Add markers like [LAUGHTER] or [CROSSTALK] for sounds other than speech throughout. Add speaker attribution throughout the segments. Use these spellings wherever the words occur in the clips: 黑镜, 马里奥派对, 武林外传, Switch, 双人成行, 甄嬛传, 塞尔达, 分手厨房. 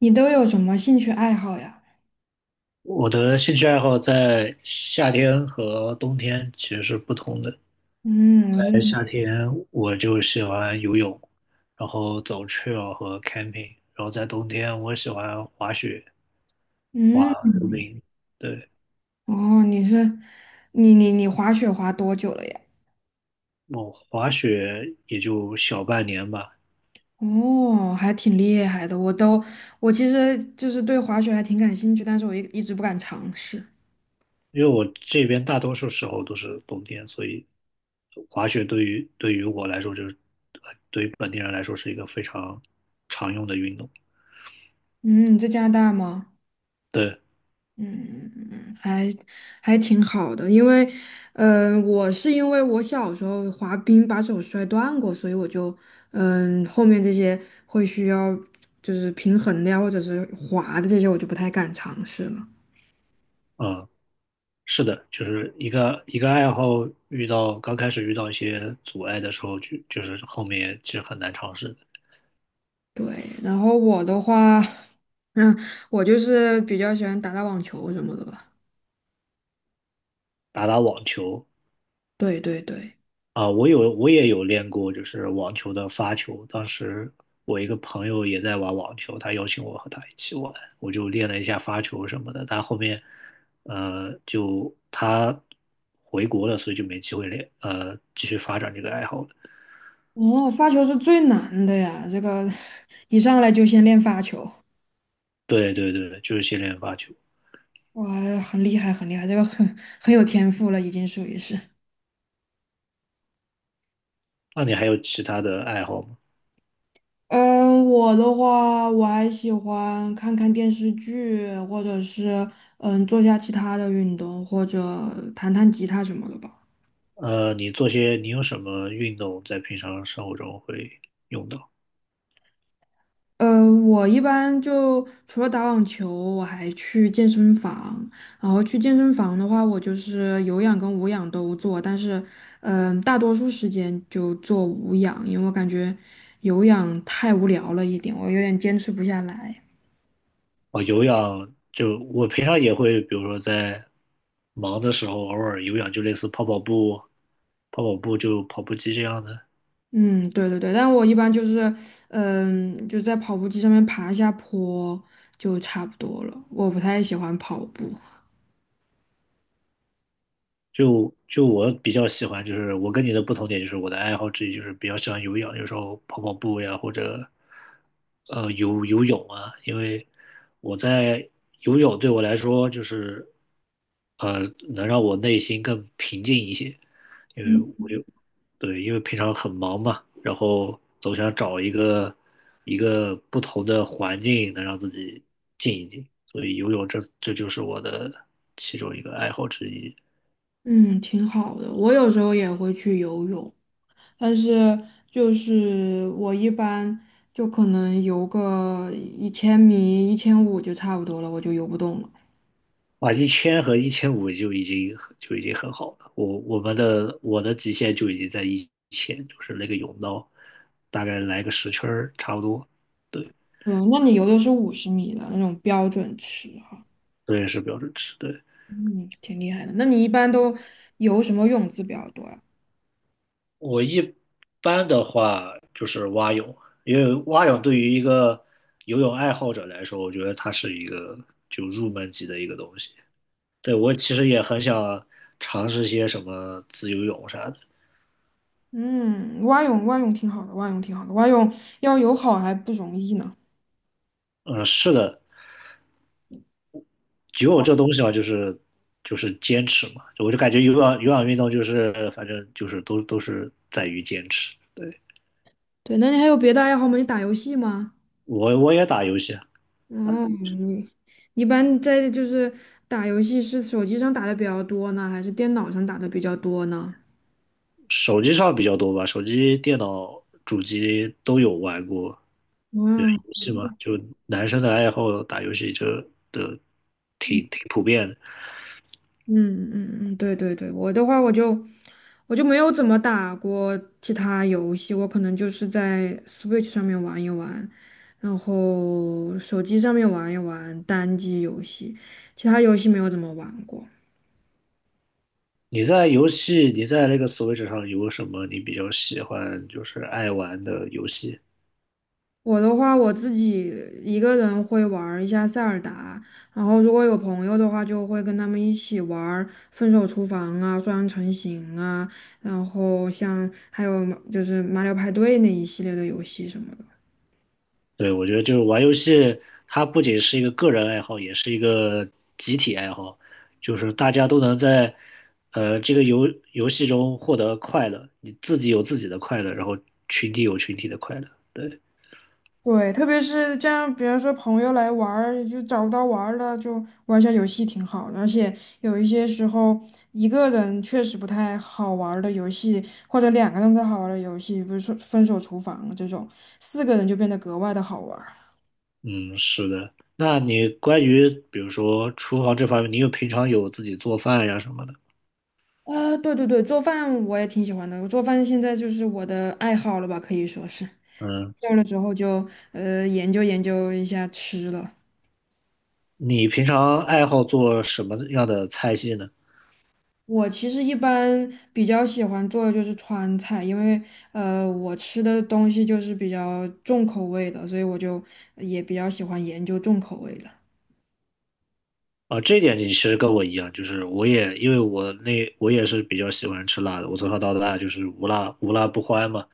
Speaker 1: 你都有什么兴趣爱好呀？
Speaker 2: 我的兴趣爱好在夏天和冬天其实是不同的。
Speaker 1: 嗯，是，
Speaker 2: 在夏天，我就喜欢游泳，然后走 trail 和 camping,然后在冬天，我喜欢滑雪、滑溜
Speaker 1: 嗯，
Speaker 2: 冰。对，
Speaker 1: 哦，你滑雪滑多久了呀？
Speaker 2: 我滑雪也就小半年吧，
Speaker 1: 哦，还挺厉害的。我其实就是对滑雪还挺感兴趣，但是我一直不敢尝试。
Speaker 2: 因为我这边大多数时候都是冬天，所以滑雪对于我来说，对于本地人来说是一个非常常用的运动。
Speaker 1: 嗯，你在加拿大吗？
Speaker 2: 对。
Speaker 1: 嗯，还挺好的，因为，我是因为我小时候滑冰把手摔断过，所以我就，后面这些会需要就是平衡的呀，或者是滑的这些，我就不太敢尝试了。
Speaker 2: 嗯。是的，就是一个一个爱好，遇到刚开始遇到一些阻碍的时候，就是后面其实很难尝试的。
Speaker 1: 对，然后我的话，嗯，我就是比较喜欢打打网球什么的吧。
Speaker 2: 打打网球
Speaker 1: 对对对，
Speaker 2: 啊，我也有练过，就是网球的发球。当时我一个朋友也在玩网球，他邀请我和他一起玩，我就练了一下发球什么的。但后面，就他回国了，所以就没机会练，继续发展这个爱好了。
Speaker 1: 哦，发球是最难的呀，这个 [LAUGHS] 一上来就先练发球。
Speaker 2: 对对对，就是先练发球。
Speaker 1: 哇，很厉害，很厉害，这个很有天赋了，已经属于是。
Speaker 2: 那你还有其他的爱好吗？
Speaker 1: 嗯，我的话，我还喜欢看看电视剧，或者是做下其他的运动，或者弹弹吉他什么的吧。
Speaker 2: 你做些，你有什么运动在平常生活中会用到？
Speaker 1: 我一般就除了打网球，我还去健身房。然后去健身房的话，我就是有氧跟无氧都做，但是大多数时间就做无氧，因为我感觉有氧太无聊了一点，我有点坚持不下来。
Speaker 2: 哦，有氧，就我平常也会，比如说在忙的时候，偶尔有氧，就类似跑跑步，跑跑步就跑步机这样的。
Speaker 1: 嗯，对对对，但我一般就是，就在跑步机上面爬一下坡就差不多了。我不太喜欢跑步。
Speaker 2: 就我比较喜欢，就是我跟你的不同点，就是我的爱好之一就是比较喜欢有氧，有时候跑跑步呀，或者游游泳啊，因为我在游泳对我来说就是呃，能让我内心更平静一些，因为我有，对，因为平常很忙嘛，然后总想找一个不同的环境能让自己静一静，所以游泳这就是我的其中一个爱好之一。
Speaker 1: 嗯，挺好的。我有时候也会去游泳，但是就是我一般就可能游个1000米、1500就差不多了，我就游不动了。
Speaker 2: 啊，一千和一千五就已经很好了，我的极限就已经在一千，就是那个泳道，大概来个十圈儿差不多，对，
Speaker 1: 嗯，那你游的是50米的那种标准池哈。
Speaker 2: 这也是标准值，对。
Speaker 1: 嗯，挺厉害的。那你一般都游什么泳姿比较多啊？
Speaker 2: 我一般的话就是蛙泳，因为蛙泳对于一个游泳爱好者来说，我觉得它是一个就入门级的一个东西。对，我其实也很想尝试些什么自由泳啥的。
Speaker 1: 嗯，蛙泳蛙泳挺好的，蛙泳挺好的，蛙泳要游好还不容易呢。
Speaker 2: 嗯，是的，游泳这东西嘛，就是坚持嘛，就我就感觉有氧运动就是反正就是都是在于坚持。对，
Speaker 1: 对，那你还有别的爱好吗？你打游戏吗？
Speaker 2: 我也打游戏啊，
Speaker 1: 哦，你一般就是打游戏是手机上打的比较多呢，还是电脑上打的比较多呢？
Speaker 2: 手机上比较多吧，手机、电脑、主机都有玩过。对，
Speaker 1: 哇。
Speaker 2: 游戏嘛，就男生的爱好打游戏的
Speaker 1: 嗯
Speaker 2: 挺普遍的。
Speaker 1: 嗯嗯嗯，对对对，我的话我就没有怎么打过其他游戏，我可能就是在 Switch 上面玩一玩，然后手机上面玩一玩单机游戏，其他游戏没有怎么玩过。
Speaker 2: 你在那个 Switch 上有什么你比较喜欢，就是爱玩的游戏？
Speaker 1: 我的话，我自己一个人会玩儿一下塞尔达，然后如果有朋友的话，就会跟他们一起玩儿《分手厨房》啊、《双人成行》啊，然后像还有就是《马里奥派对》那一系列的游戏什么的。
Speaker 2: 对，我觉得就是玩游戏，它不仅是一个个人爱好，也是一个集体爱好，就是大家都能在这个游游戏中获得快乐，你自己有自己的快乐，然后群体有群体的快乐。对。
Speaker 1: 对，特别是这样，比如说朋友来玩儿，就找不到玩儿了，就玩一下游戏挺好的，而且有一些时候，一个人确实不太好玩儿的游戏，或者两个人不太好玩儿的游戏，比如说《分手厨房》这种，四个人就变得格外的好玩儿。
Speaker 2: 嗯，是的。那你关于比如说厨房这方面，你平常有自己做饭呀什么的？
Speaker 1: 啊，对对对，做饭我也挺喜欢的，我做饭现在就是我的爱好了吧，可以说是。
Speaker 2: 嗯，
Speaker 1: 有了之后就研究研究一下吃了。
Speaker 2: 你平常爱好做什么样的菜系呢？
Speaker 1: 我其实一般比较喜欢做的就是川菜，因为我吃的东西就是比较重口味的，所以我就也比较喜欢研究重口味的。
Speaker 2: 啊，这一点你其实跟我一样，就是我也因为我那我也是比较喜欢吃辣的，我从小到大就是无辣不欢嘛。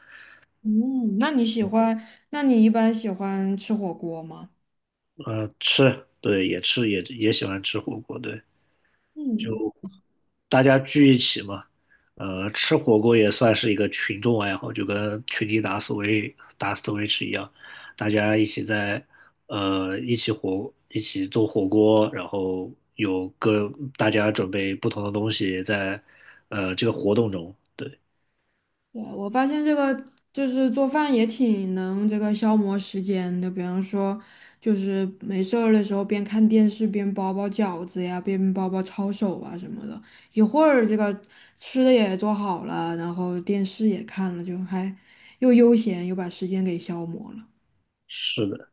Speaker 1: 嗯，那你喜欢？那你一般喜欢吃火锅吗？
Speaker 2: 嗯，吃，对，也喜欢吃火锅，对。
Speaker 1: 嗯。
Speaker 2: 就大家聚一起嘛，吃火锅也算是一个群众爱好，就跟群里打 Switch 一样，大家一起在一起做火锅，然后有各大家准备不同的东西在这个活动中，对，
Speaker 1: 对，我发现这个就是做饭也挺能这个消磨时间的，比方说就是没事儿的时候边看电视边包包饺子呀，边包包抄手啊什么的，一会儿这个吃的也做好了，然后电视也看了，就还又悠闲又把时间给消磨了。
Speaker 2: 是的。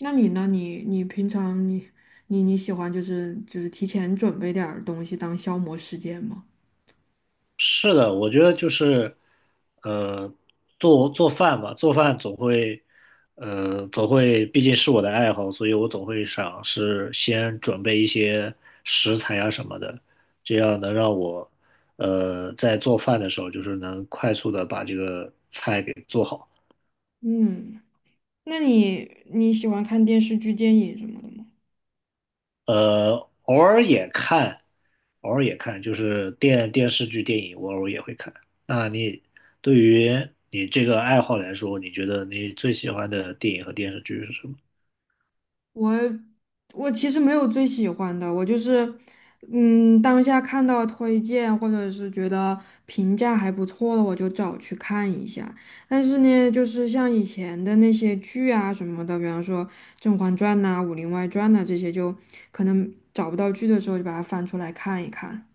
Speaker 1: 那你呢？你平常你喜欢就是提前准备点儿东西当消磨时间吗？
Speaker 2: 是的，我觉得就是，呃，做做饭吧，做饭总会，呃，总会，毕竟是我的爱好，所以我总会想是先准备一些食材啊什么的，这样能让我，在做饭的时候就是能快速的把这个菜给做好。
Speaker 1: 嗯，那你喜欢看电视剧、电影什么的吗？
Speaker 2: 呃，偶尔也看，偶尔也看，就是电视剧、电影，我偶尔也会看。那你对于你这个爱好来说，你觉得你最喜欢的电影和电视剧是什么？
Speaker 1: 我我其实没有最喜欢的，我就是，当下看到推荐或者是觉得评价还不错的，我就找去看一下。但是呢，就是像以前的那些剧啊什么的，比方说《甄嬛传》呐、《武林外传》呐这些，就可能找不到剧的时候就把它翻出来看一看。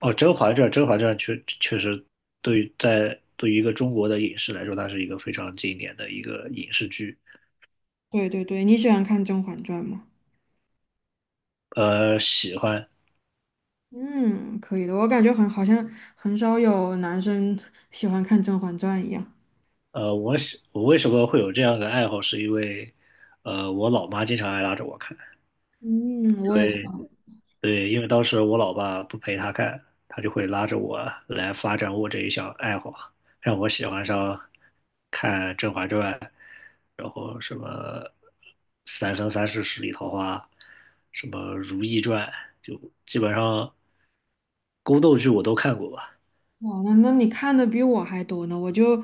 Speaker 2: 哦，《甄嬛传》，《甄嬛传》确实对于在对于一个中国的影视来说，它是一个非常经典的一个影视剧。
Speaker 1: 对对对，你喜欢看《甄嬛传》吗？
Speaker 2: 喜欢。
Speaker 1: 嗯，可以的，我感觉好像很少有男生喜欢看《甄嬛传》一样。
Speaker 2: 我为什么会有这样的爱好，是因为我老妈经常爱拉着我看。
Speaker 1: 嗯，我也。
Speaker 2: 对，因为当时我老爸不陪他看，他就会拉着我来发展我这一项爱好啊，让我喜欢上看《甄嬛传》，然后什么《三生三世十里桃花》，什么《如懿传》，就基本上宫斗剧我都看过吧。
Speaker 1: 哇，那你看的比我还多呢。我就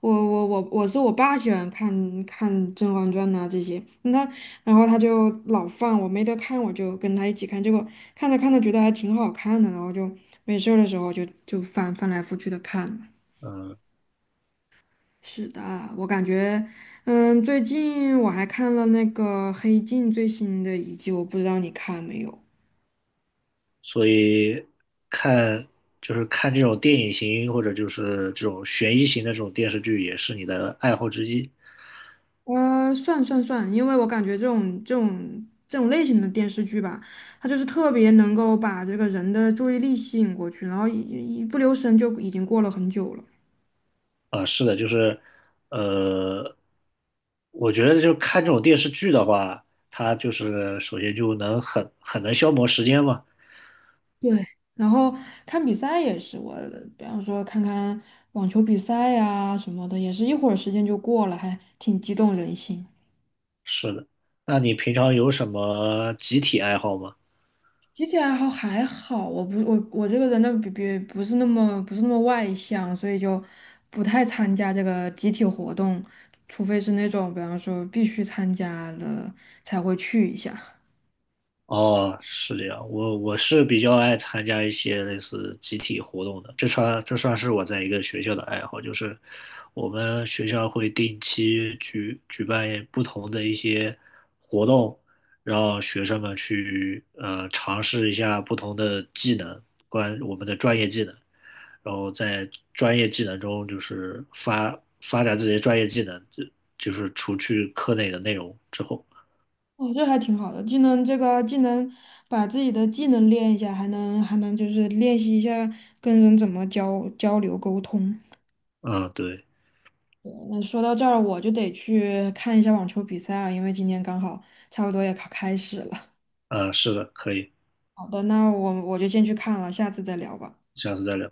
Speaker 1: 我我我我是我爸喜欢看看《甄嬛传》呐这些，那然后他就老放，我没得看我就跟他一起看，结果看着看着觉得还挺好看的，然后就没事儿的时候就翻来覆去的看。
Speaker 2: 嗯，
Speaker 1: 是的，我感觉，最近我还看了那个《黑镜》最新的一季，我不知道你看没有。
Speaker 2: 所以看就是看这种电影型或者就是这种悬疑型的这种电视剧，也是你的爱好之一。
Speaker 1: 算算算，因为我感觉这种类型的电视剧吧，它就是特别能够把这个人的注意力吸引过去，然后一不留神就已经过了很久了。
Speaker 2: 啊，是的，就是，呃，我觉得就看这种电视剧的话，它就是首先就很能消磨时间嘛。
Speaker 1: 对，然后看比赛也是，我比方说看看网球比赛呀、什么的，也是一会儿时间就过了，还挺激动人心。
Speaker 2: 是的，那你平常有什么集体爱好吗？
Speaker 1: 集体爱好还好，我不我我这个人呢，不是那么外向，所以就不太参加这个集体活动，除非是那种比方说必须参加了才会去一下。
Speaker 2: 哦，是这样，我是比较爱参加一些类似集体活动的，这算是我在一个学校的爱好，就是我们学校会定期举办不同的一些活动，让学生们去尝试一下不同的技能，关我们的专业技能，然后在专业技能中就是发展自己的专业技能，就就是除去课内的内容之后，
Speaker 1: 哦，这还挺好的，既能把自己的技能练一下，还能就是练习一下跟人怎么交流沟通。
Speaker 2: 嗯，对，
Speaker 1: 那说到这儿，我就得去看一下网球比赛了，因为今天刚好差不多也开始了。
Speaker 2: 是的，可以。
Speaker 1: 好的，那我就先去看了，下次再聊吧。
Speaker 2: 下次再聊。